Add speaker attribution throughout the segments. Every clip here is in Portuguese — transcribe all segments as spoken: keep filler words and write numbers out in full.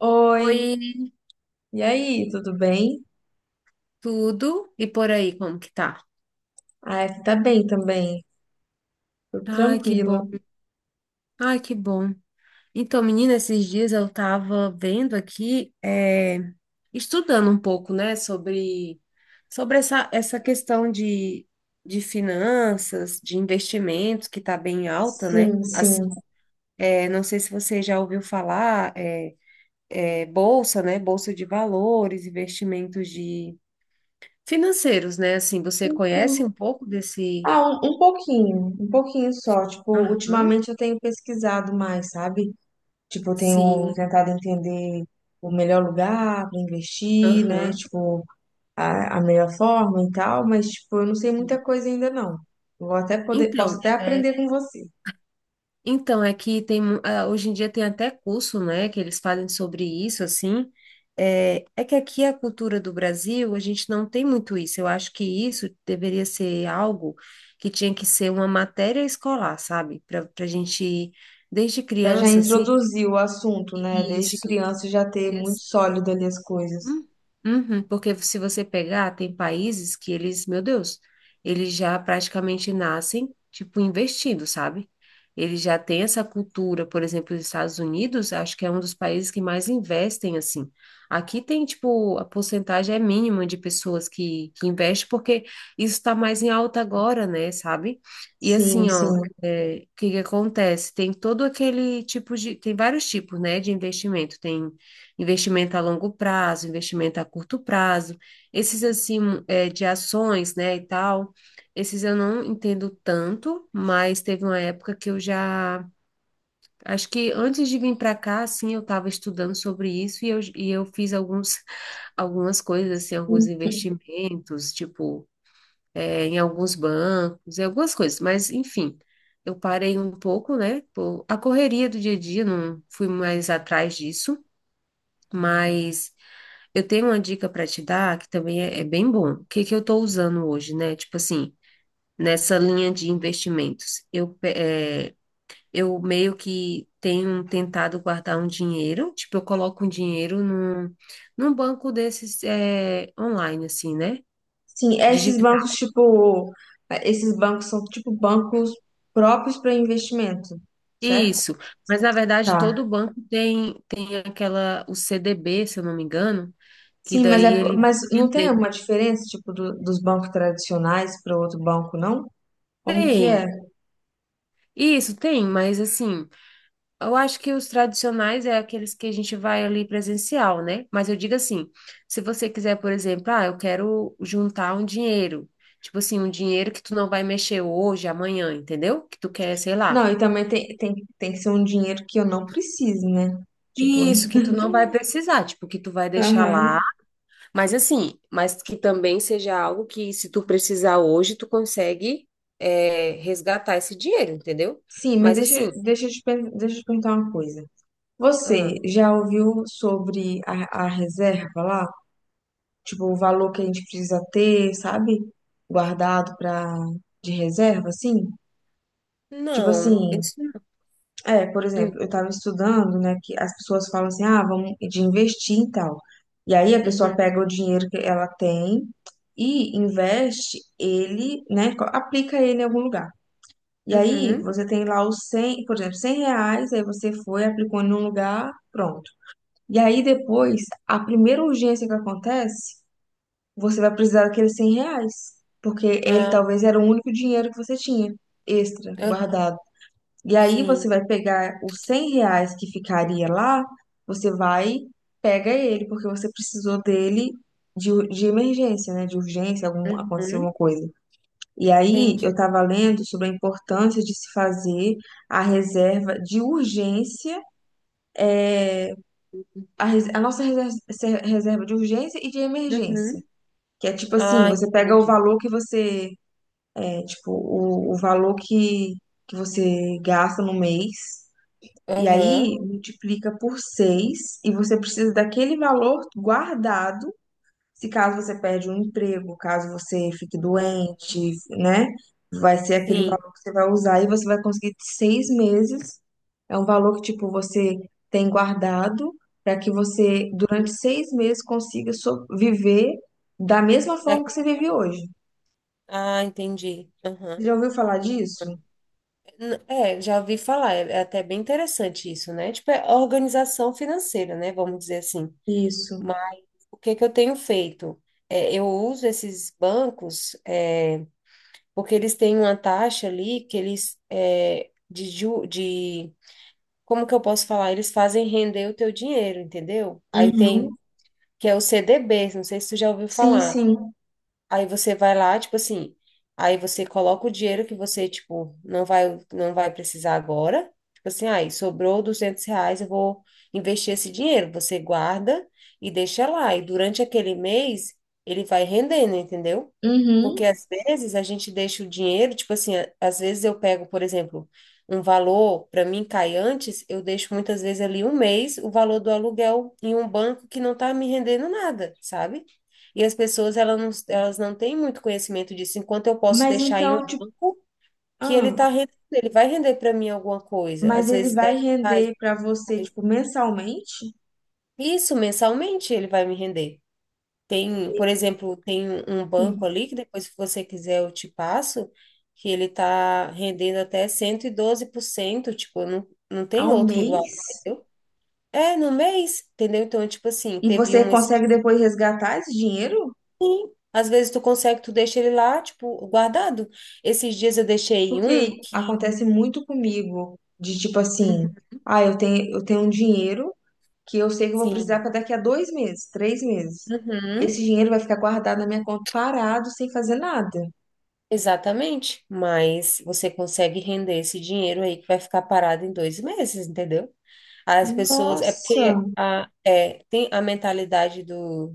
Speaker 1: Oi,
Speaker 2: Oi,
Speaker 1: e aí, tudo bem?
Speaker 2: tudo e por aí, como que tá?
Speaker 1: Ah, aqui tá bem também, tudo
Speaker 2: Ai, que bom.
Speaker 1: tranquilo.
Speaker 2: Ai, que bom. Então, menina, esses dias eu tava vendo aqui, é, estudando um pouco, né, sobre, sobre essa, essa questão de, de finanças, de investimentos, que tá bem alta, né?
Speaker 1: Sim,
Speaker 2: Assim,
Speaker 1: sim.
Speaker 2: é, não sei se você já ouviu falar, é, é, bolsa, né? Bolsa de valores, investimentos de financeiros, né? Assim, você conhece um pouco desse.
Speaker 1: Ah, um, um pouquinho, um pouquinho só. Tipo,
Speaker 2: Aham.
Speaker 1: ultimamente eu tenho pesquisado mais, sabe? Tipo, eu tenho
Speaker 2: Sim.
Speaker 1: tentado entender o melhor lugar para investir, né?
Speaker 2: Aham.
Speaker 1: Tipo, a, a melhor forma e tal, mas, tipo, eu não sei muita coisa ainda não. Eu Vou até poder, posso
Speaker 2: Então,
Speaker 1: até
Speaker 2: é,
Speaker 1: aprender com você.
Speaker 2: então é que tem mu- ah, hoje em dia tem até curso, né, que eles fazem sobre isso assim. É, é que aqui a cultura do Brasil, a gente não tem muito isso. Eu acho que isso deveria ser algo que tinha que ser uma matéria escolar, sabe? Para para a gente, desde
Speaker 1: Pra já
Speaker 2: criança, assim,
Speaker 1: introduzir o assunto, né? Desde
Speaker 2: isso.
Speaker 1: criança já ter muito sólido ali as coisas.
Speaker 2: Hum, uhum, porque se você pegar, tem países que eles, meu Deus, eles já praticamente nascem, tipo, investidos, sabe? Eles já têm essa cultura, por exemplo, os Estados Unidos, acho que é um dos países que mais investem, assim. Aqui tem, tipo, a porcentagem é mínima de pessoas que, que investem, porque isso está mais em alta agora, né, sabe? E
Speaker 1: Sim,
Speaker 2: assim, ó,
Speaker 1: sim.
Speaker 2: é, o que que acontece? Tem todo aquele tipo de, tem vários tipos, né, de investimento. Tem investimento a longo prazo, investimento a curto prazo, esses assim é, de ações, né, e tal, esses eu não entendo tanto, mas teve uma época que eu já, acho que antes de vir para cá, assim, eu estava estudando sobre isso e eu, e eu fiz alguns, algumas coisas, assim, alguns investimentos, tipo, é, em alguns bancos, em algumas coisas, mas enfim. Eu parei um pouco, né? Por a correria do dia a dia, não fui mais atrás disso, mas eu tenho uma dica para te dar que também é, é bem bom. O que que eu estou usando hoje, né? Tipo assim, nessa linha de investimentos, eu, pe- é, eu meio que tenho tentado guardar um dinheiro, tipo, eu coloco um dinheiro num, num banco desses é, online, assim, né?
Speaker 1: Sim, esses
Speaker 2: Digital.
Speaker 1: bancos, tipo, esses bancos são tipo bancos próprios para investimento, certo?
Speaker 2: Isso. Mas na verdade,
Speaker 1: Tá.
Speaker 2: todo banco tem, tem aquela, o C D B, se eu não me engano, que
Speaker 1: Sim, mas,
Speaker 2: daí
Speaker 1: é,
Speaker 2: ele vai
Speaker 1: mas não tem
Speaker 2: vender.
Speaker 1: alguma diferença, tipo, do- dos bancos tradicionais para outro banco, não? Como que é?
Speaker 2: Tem. Isso, tem, mas assim. Eu acho que os tradicionais é aqueles que a gente vai ali presencial, né? Mas eu digo assim, se você quiser, por exemplo, ah, eu quero juntar um dinheiro, tipo assim, um dinheiro que tu não vai mexer hoje, amanhã, entendeu? Que tu quer, sei
Speaker 1: Não,
Speaker 2: lá.
Speaker 1: e também tem, tem, tem que ser um dinheiro que eu não preciso, né? Tipo,
Speaker 2: Isso, que tu não vai precisar, tipo, que tu vai deixar lá,
Speaker 1: Aham.
Speaker 2: mas assim, mas que também seja algo que se tu precisar hoje, tu consegue é, resgatar esse dinheiro, entendeu?
Speaker 1: Sim, mas
Speaker 2: Mas
Speaker 1: deixa,
Speaker 2: assim,
Speaker 1: deixa, eu te, per- deixa eu te perguntar uma coisa. Você
Speaker 2: ah,
Speaker 1: já ouviu sobre a, a reserva lá? Tipo, o valor que a gente precisa ter, sabe? Guardado para de reserva, assim. Tipo
Speaker 2: não,
Speaker 1: assim,
Speaker 2: isso não.
Speaker 1: é, por
Speaker 2: Hum,
Speaker 1: exemplo, eu tava estudando, né, que as pessoas falam assim, ah, vamos de investir e tal. E aí a pessoa
Speaker 2: uhum,
Speaker 1: pega o dinheiro que ela tem e investe ele, né, co- aplica ele em algum lugar. E aí
Speaker 2: uhum.
Speaker 1: você tem lá os cem, por exemplo, cem reais, aí você foi, aplicou em um lugar, pronto. E aí depois, a primeira urgência que acontece, você vai precisar daqueles cem reais, porque ele
Speaker 2: Ah,
Speaker 1: talvez era o único dinheiro que você tinha extra
Speaker 2: aham,
Speaker 1: guardado. E aí você
Speaker 2: sim.
Speaker 1: vai pegar os cem reais que ficaria lá, você vai, pega ele, porque você precisou dele de, ur- de emergência, né? De urgência, algum, aconteceu alguma
Speaker 2: Uhum.
Speaker 1: coisa. E aí
Speaker 2: Entendi.
Speaker 1: eu estava lendo sobre a importância de se fazer a reserva de urgência, a, res- a nossa reserva reserva de urgência e de emergência.
Speaker 2: Uhum.
Speaker 1: Que é tipo assim,
Speaker 2: Ah,
Speaker 1: você pega o
Speaker 2: entendi.
Speaker 1: valor que você é, tipo, o, o valor que, que você gasta no mês, e aí
Speaker 2: Aham,
Speaker 1: multiplica por seis e você precisa daquele valor guardado, se caso você perde um emprego, caso você fique
Speaker 2: aham.
Speaker 1: doente, né? Vai ser aquele
Speaker 2: Sim.
Speaker 1: valor que você vai usar e você vai conseguir seis meses. É um valor que, tipo, você tem guardado para que você,
Speaker 2: Hum.
Speaker 1: durante seis meses, consiga so- viver da mesma forma que você
Speaker 2: Daquele
Speaker 1: vive
Speaker 2: valor.
Speaker 1: hoje.
Speaker 2: Ah, entendi.
Speaker 1: Você
Speaker 2: Aham.
Speaker 1: já ouviu falar disso?
Speaker 2: Hum. N- É, já ouvi falar, é é até bem interessante isso, né? Tipo, é organização financeira, né? Vamos dizer assim.
Speaker 1: Isso.
Speaker 2: Mas o que que eu tenho feito? É, eu uso esses bancos, é, porque eles têm uma taxa ali que eles, é, de, ju- de como que eu posso falar? Eles fazem render o teu dinheiro, entendeu? Aí tem,
Speaker 1: Uhum.
Speaker 2: que é o C D Bs, não sei se tu já ouviu
Speaker 1: Sim,
Speaker 2: falar.
Speaker 1: sim.
Speaker 2: Aí você vai lá, tipo assim, aí você coloca o dinheiro que você, tipo, não vai, não vai precisar agora. Tipo assim, aí sobrou duzentos reais, eu vou investir esse dinheiro. Você guarda e deixa lá. E durante aquele mês, ele vai rendendo, entendeu? Porque
Speaker 1: Uhum.
Speaker 2: às vezes a gente deixa o dinheiro, tipo assim, a- às vezes eu pego, por exemplo, um valor, para mim cai antes, eu deixo muitas vezes ali um mês o valor do aluguel em um banco que não tá me rendendo nada, sabe? E as pessoas elas não, elas não têm muito conhecimento disso, enquanto eu posso
Speaker 1: Mas
Speaker 2: deixar em um
Speaker 1: então, tipo,
Speaker 2: banco que ele
Speaker 1: ah,
Speaker 2: tá rendendo, ele vai render para mim alguma coisa,
Speaker 1: mas
Speaker 2: às
Speaker 1: ele
Speaker 2: vezes
Speaker 1: vai
Speaker 2: dez reais,
Speaker 1: render pra você,
Speaker 2: mas
Speaker 1: tipo, mensalmente?
Speaker 2: isso mensalmente ele vai me render. Tem, por exemplo, tem um um
Speaker 1: Sim.
Speaker 2: banco ali que depois, se você quiser, eu te passo, que ele tá rendendo até cento e doze por cento tipo, não, não tem
Speaker 1: Ao
Speaker 2: outro igual,
Speaker 1: mês?
Speaker 2: entendeu? É, no mês, entendeu? Então, tipo assim,
Speaker 1: E
Speaker 2: teve
Speaker 1: você
Speaker 2: um esse.
Speaker 1: consegue depois resgatar esse dinheiro?
Speaker 2: Às vezes tu consegue, tu deixa ele lá, tipo, guardado. Esses dias eu deixei um
Speaker 1: Porque
Speaker 2: que.
Speaker 1: acontece muito comigo, de tipo
Speaker 2: Uhum,
Speaker 1: assim, ah, eu tenho, eu tenho um dinheiro que eu sei que eu vou precisar
Speaker 2: sim.
Speaker 1: para daqui a dois meses, três meses.
Speaker 2: Uhum,
Speaker 1: Esse dinheiro vai ficar guardado na minha conta parado, sem fazer nada.
Speaker 2: exatamente. Mas você consegue render esse dinheiro aí que vai ficar parado em dois meses, entendeu? As pessoas, é
Speaker 1: Nossa!
Speaker 2: porque a, é, tem a mentalidade do,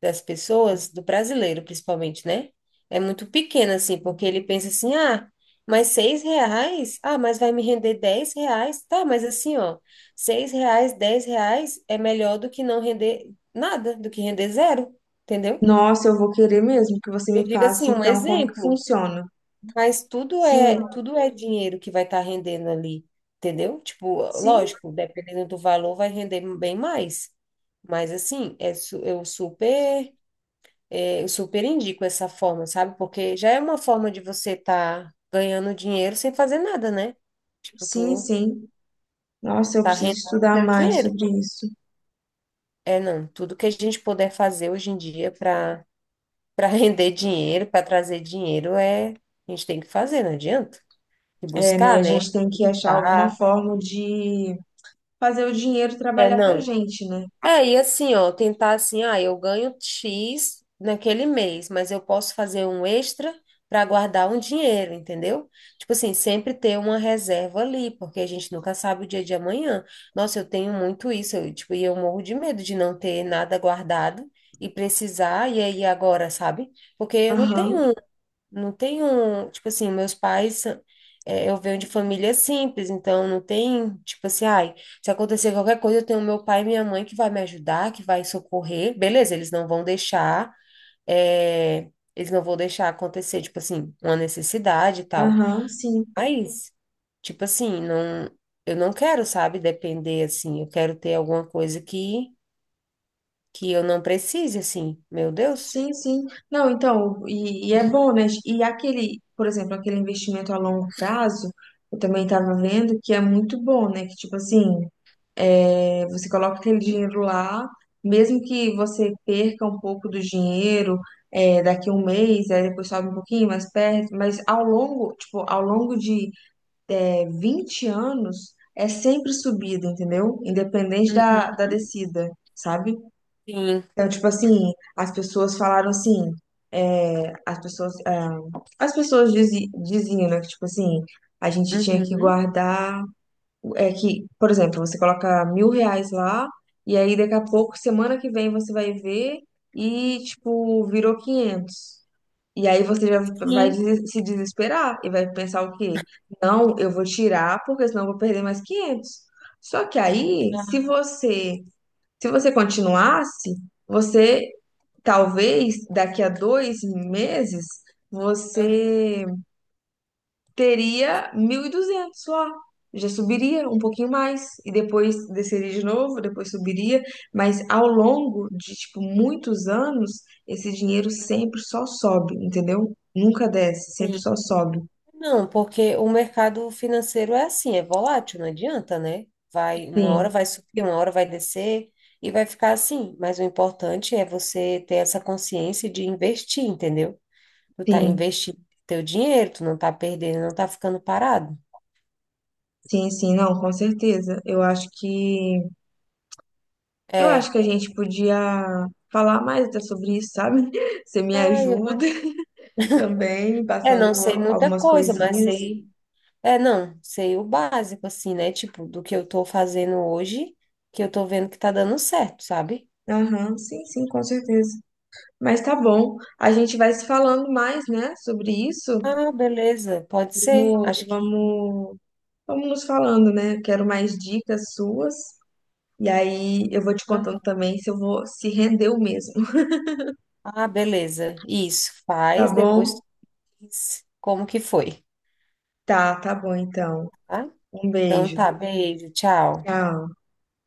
Speaker 2: das pessoas, do brasileiro principalmente, né? É muito pequena, assim, porque ele pensa assim, ah, mas seis reais? Ah, mas vai me render dez reais? Tá, mas assim, ó, seis reais, dez reais é melhor do que não render nada, do que render zero, entendeu?
Speaker 1: Nossa, eu vou querer mesmo que você
Speaker 2: Eu
Speaker 1: me
Speaker 2: digo
Speaker 1: passe,
Speaker 2: assim, um
Speaker 1: então, como que
Speaker 2: exemplo.
Speaker 1: funciona.
Speaker 2: Mas tudo
Speaker 1: Sim,
Speaker 2: é, tudo é dinheiro que vai estar rendendo ali, entendeu? Tipo,
Speaker 1: sim,
Speaker 2: lógico, dependendo do valor, vai render bem mais. Mas assim, é, su- eu super, é, eu super indico essa forma, sabe? Porque já é uma forma de você estar ganhando dinheiro sem fazer nada, né? Tipo,
Speaker 1: sim,
Speaker 2: tu
Speaker 1: sim. Nossa, eu
Speaker 2: tá
Speaker 1: preciso
Speaker 2: rendendo
Speaker 1: estudar
Speaker 2: seu
Speaker 1: mais
Speaker 2: dinheiro.
Speaker 1: sobre isso.
Speaker 2: É, não, tudo que a gente puder fazer hoje em dia para para render dinheiro, para trazer dinheiro, é, a gente tem que fazer, não adianta. E
Speaker 1: É, né?
Speaker 2: buscar,
Speaker 1: A
Speaker 2: né?
Speaker 1: gente tem que achar alguma forma de fazer o dinheiro
Speaker 2: É,
Speaker 1: trabalhar pra
Speaker 2: não.
Speaker 1: gente, né?
Speaker 2: É, e assim, ó, tentar assim, ah, eu ganho X naquele mês, mas eu posso fazer um extra para guardar um dinheiro, entendeu? Tipo assim, sempre ter uma reserva ali, porque a gente nunca sabe o dia de amanhã. Nossa, eu tenho muito isso, eu, tipo, e eu morro de medo de não ter nada guardado e precisar, e aí agora, sabe? Porque eu não
Speaker 1: Aham,
Speaker 2: tenho não tem um, tipo assim, meus pais, é, eu venho de família simples, então não tem, tipo assim, ai, se acontecer qualquer coisa, eu tenho meu pai e minha mãe que vai me ajudar, que vai socorrer, beleza, eles não vão deixar, é, eles não vão deixar acontecer, tipo assim, uma necessidade e tal.
Speaker 1: aham, sim,
Speaker 2: Mas, tipo assim, não, eu não quero, sabe, depender, assim, eu quero ter alguma coisa que, que eu não precise, assim, meu Deus.
Speaker 1: sim, sim. Não, então, e, e é bom, né? E aquele, por exemplo, aquele investimento a longo prazo, eu também estava vendo que é muito bom, né? Que, tipo assim, É, você coloca aquele dinheiro lá, mesmo que você perca um pouco do dinheiro, é, daqui a um mês, aí depois sobe um pouquinho mais perto, mas ao longo, tipo, ao longo de é, vinte anos, é sempre subida, entendeu? Independente da,
Speaker 2: Uhum.
Speaker 1: da descida, sabe?
Speaker 2: Sim.
Speaker 1: Então, tipo assim, as pessoas falaram assim, é, as pessoas, é, as pessoas dizi- diziam, né, que, tipo assim, a gente tinha que
Speaker 2: Uhum.
Speaker 1: guardar. É que, por exemplo, você coloca mil reais lá, e aí daqui a pouco, semana que vem, você vai ver e, tipo, virou quinhentos. E aí você já vai
Speaker 2: Sim.
Speaker 1: des- se desesperar e vai pensar o quê? Não, eu vou tirar porque senão eu vou perder mais quinhentos. Só que aí, se você, se você continuasse, você talvez daqui a dois meses,
Speaker 2: Ah,
Speaker 1: você teria mil e duzentos lá. Já subiria um pouquinho mais e depois desceria de novo, depois subiria, mas ao longo de tipo muitos anos, esse dinheiro sempre só sobe, entendeu? Nunca desce, sempre
Speaker 2: sim.
Speaker 1: só sobe.
Speaker 2: Não, porque o mercado financeiro é assim, é volátil, não adianta, né? Vai, uma hora
Speaker 1: Sim,
Speaker 2: vai subir, uma hora vai descer e vai ficar assim. Mas o importante é você ter essa consciência de investir, entendeu? Tu tá
Speaker 1: sim.
Speaker 2: investindo teu dinheiro, tu não tá perdendo, não tá ficando parado.
Speaker 1: Sim, sim, não, com certeza. Eu acho que eu acho
Speaker 2: É.
Speaker 1: que a gente podia falar mais até sobre isso, sabe? Você me
Speaker 2: Ai, eu,
Speaker 1: ajuda também,
Speaker 2: é,
Speaker 1: passando
Speaker 2: não sei muita
Speaker 1: algumas
Speaker 2: coisa, mas
Speaker 1: coisinhas.
Speaker 2: sei. É, não, sei o básico, assim, né? Tipo, do que eu tô fazendo hoje, que eu tô vendo que tá dando certo, sabe?
Speaker 1: Aham, sim, sim, com certeza. Mas tá bom, a gente vai se falando mais, né, sobre isso.
Speaker 2: Ah, beleza, pode ser.
Speaker 1: Vamos,
Speaker 2: Acho que.
Speaker 1: vamos, vamos nos falando, né? Quero mais dicas suas. E aí eu vou te contando também se eu vou se rendeu mesmo,
Speaker 2: Ah, beleza. Isso,
Speaker 1: tá
Speaker 2: faz, depois
Speaker 1: bom?
Speaker 2: tu diz como que foi,
Speaker 1: Tá, tá bom então.
Speaker 2: tá?
Speaker 1: Um
Speaker 2: Então
Speaker 1: beijo.
Speaker 2: tá, beijo, tchau.
Speaker 1: Tchau.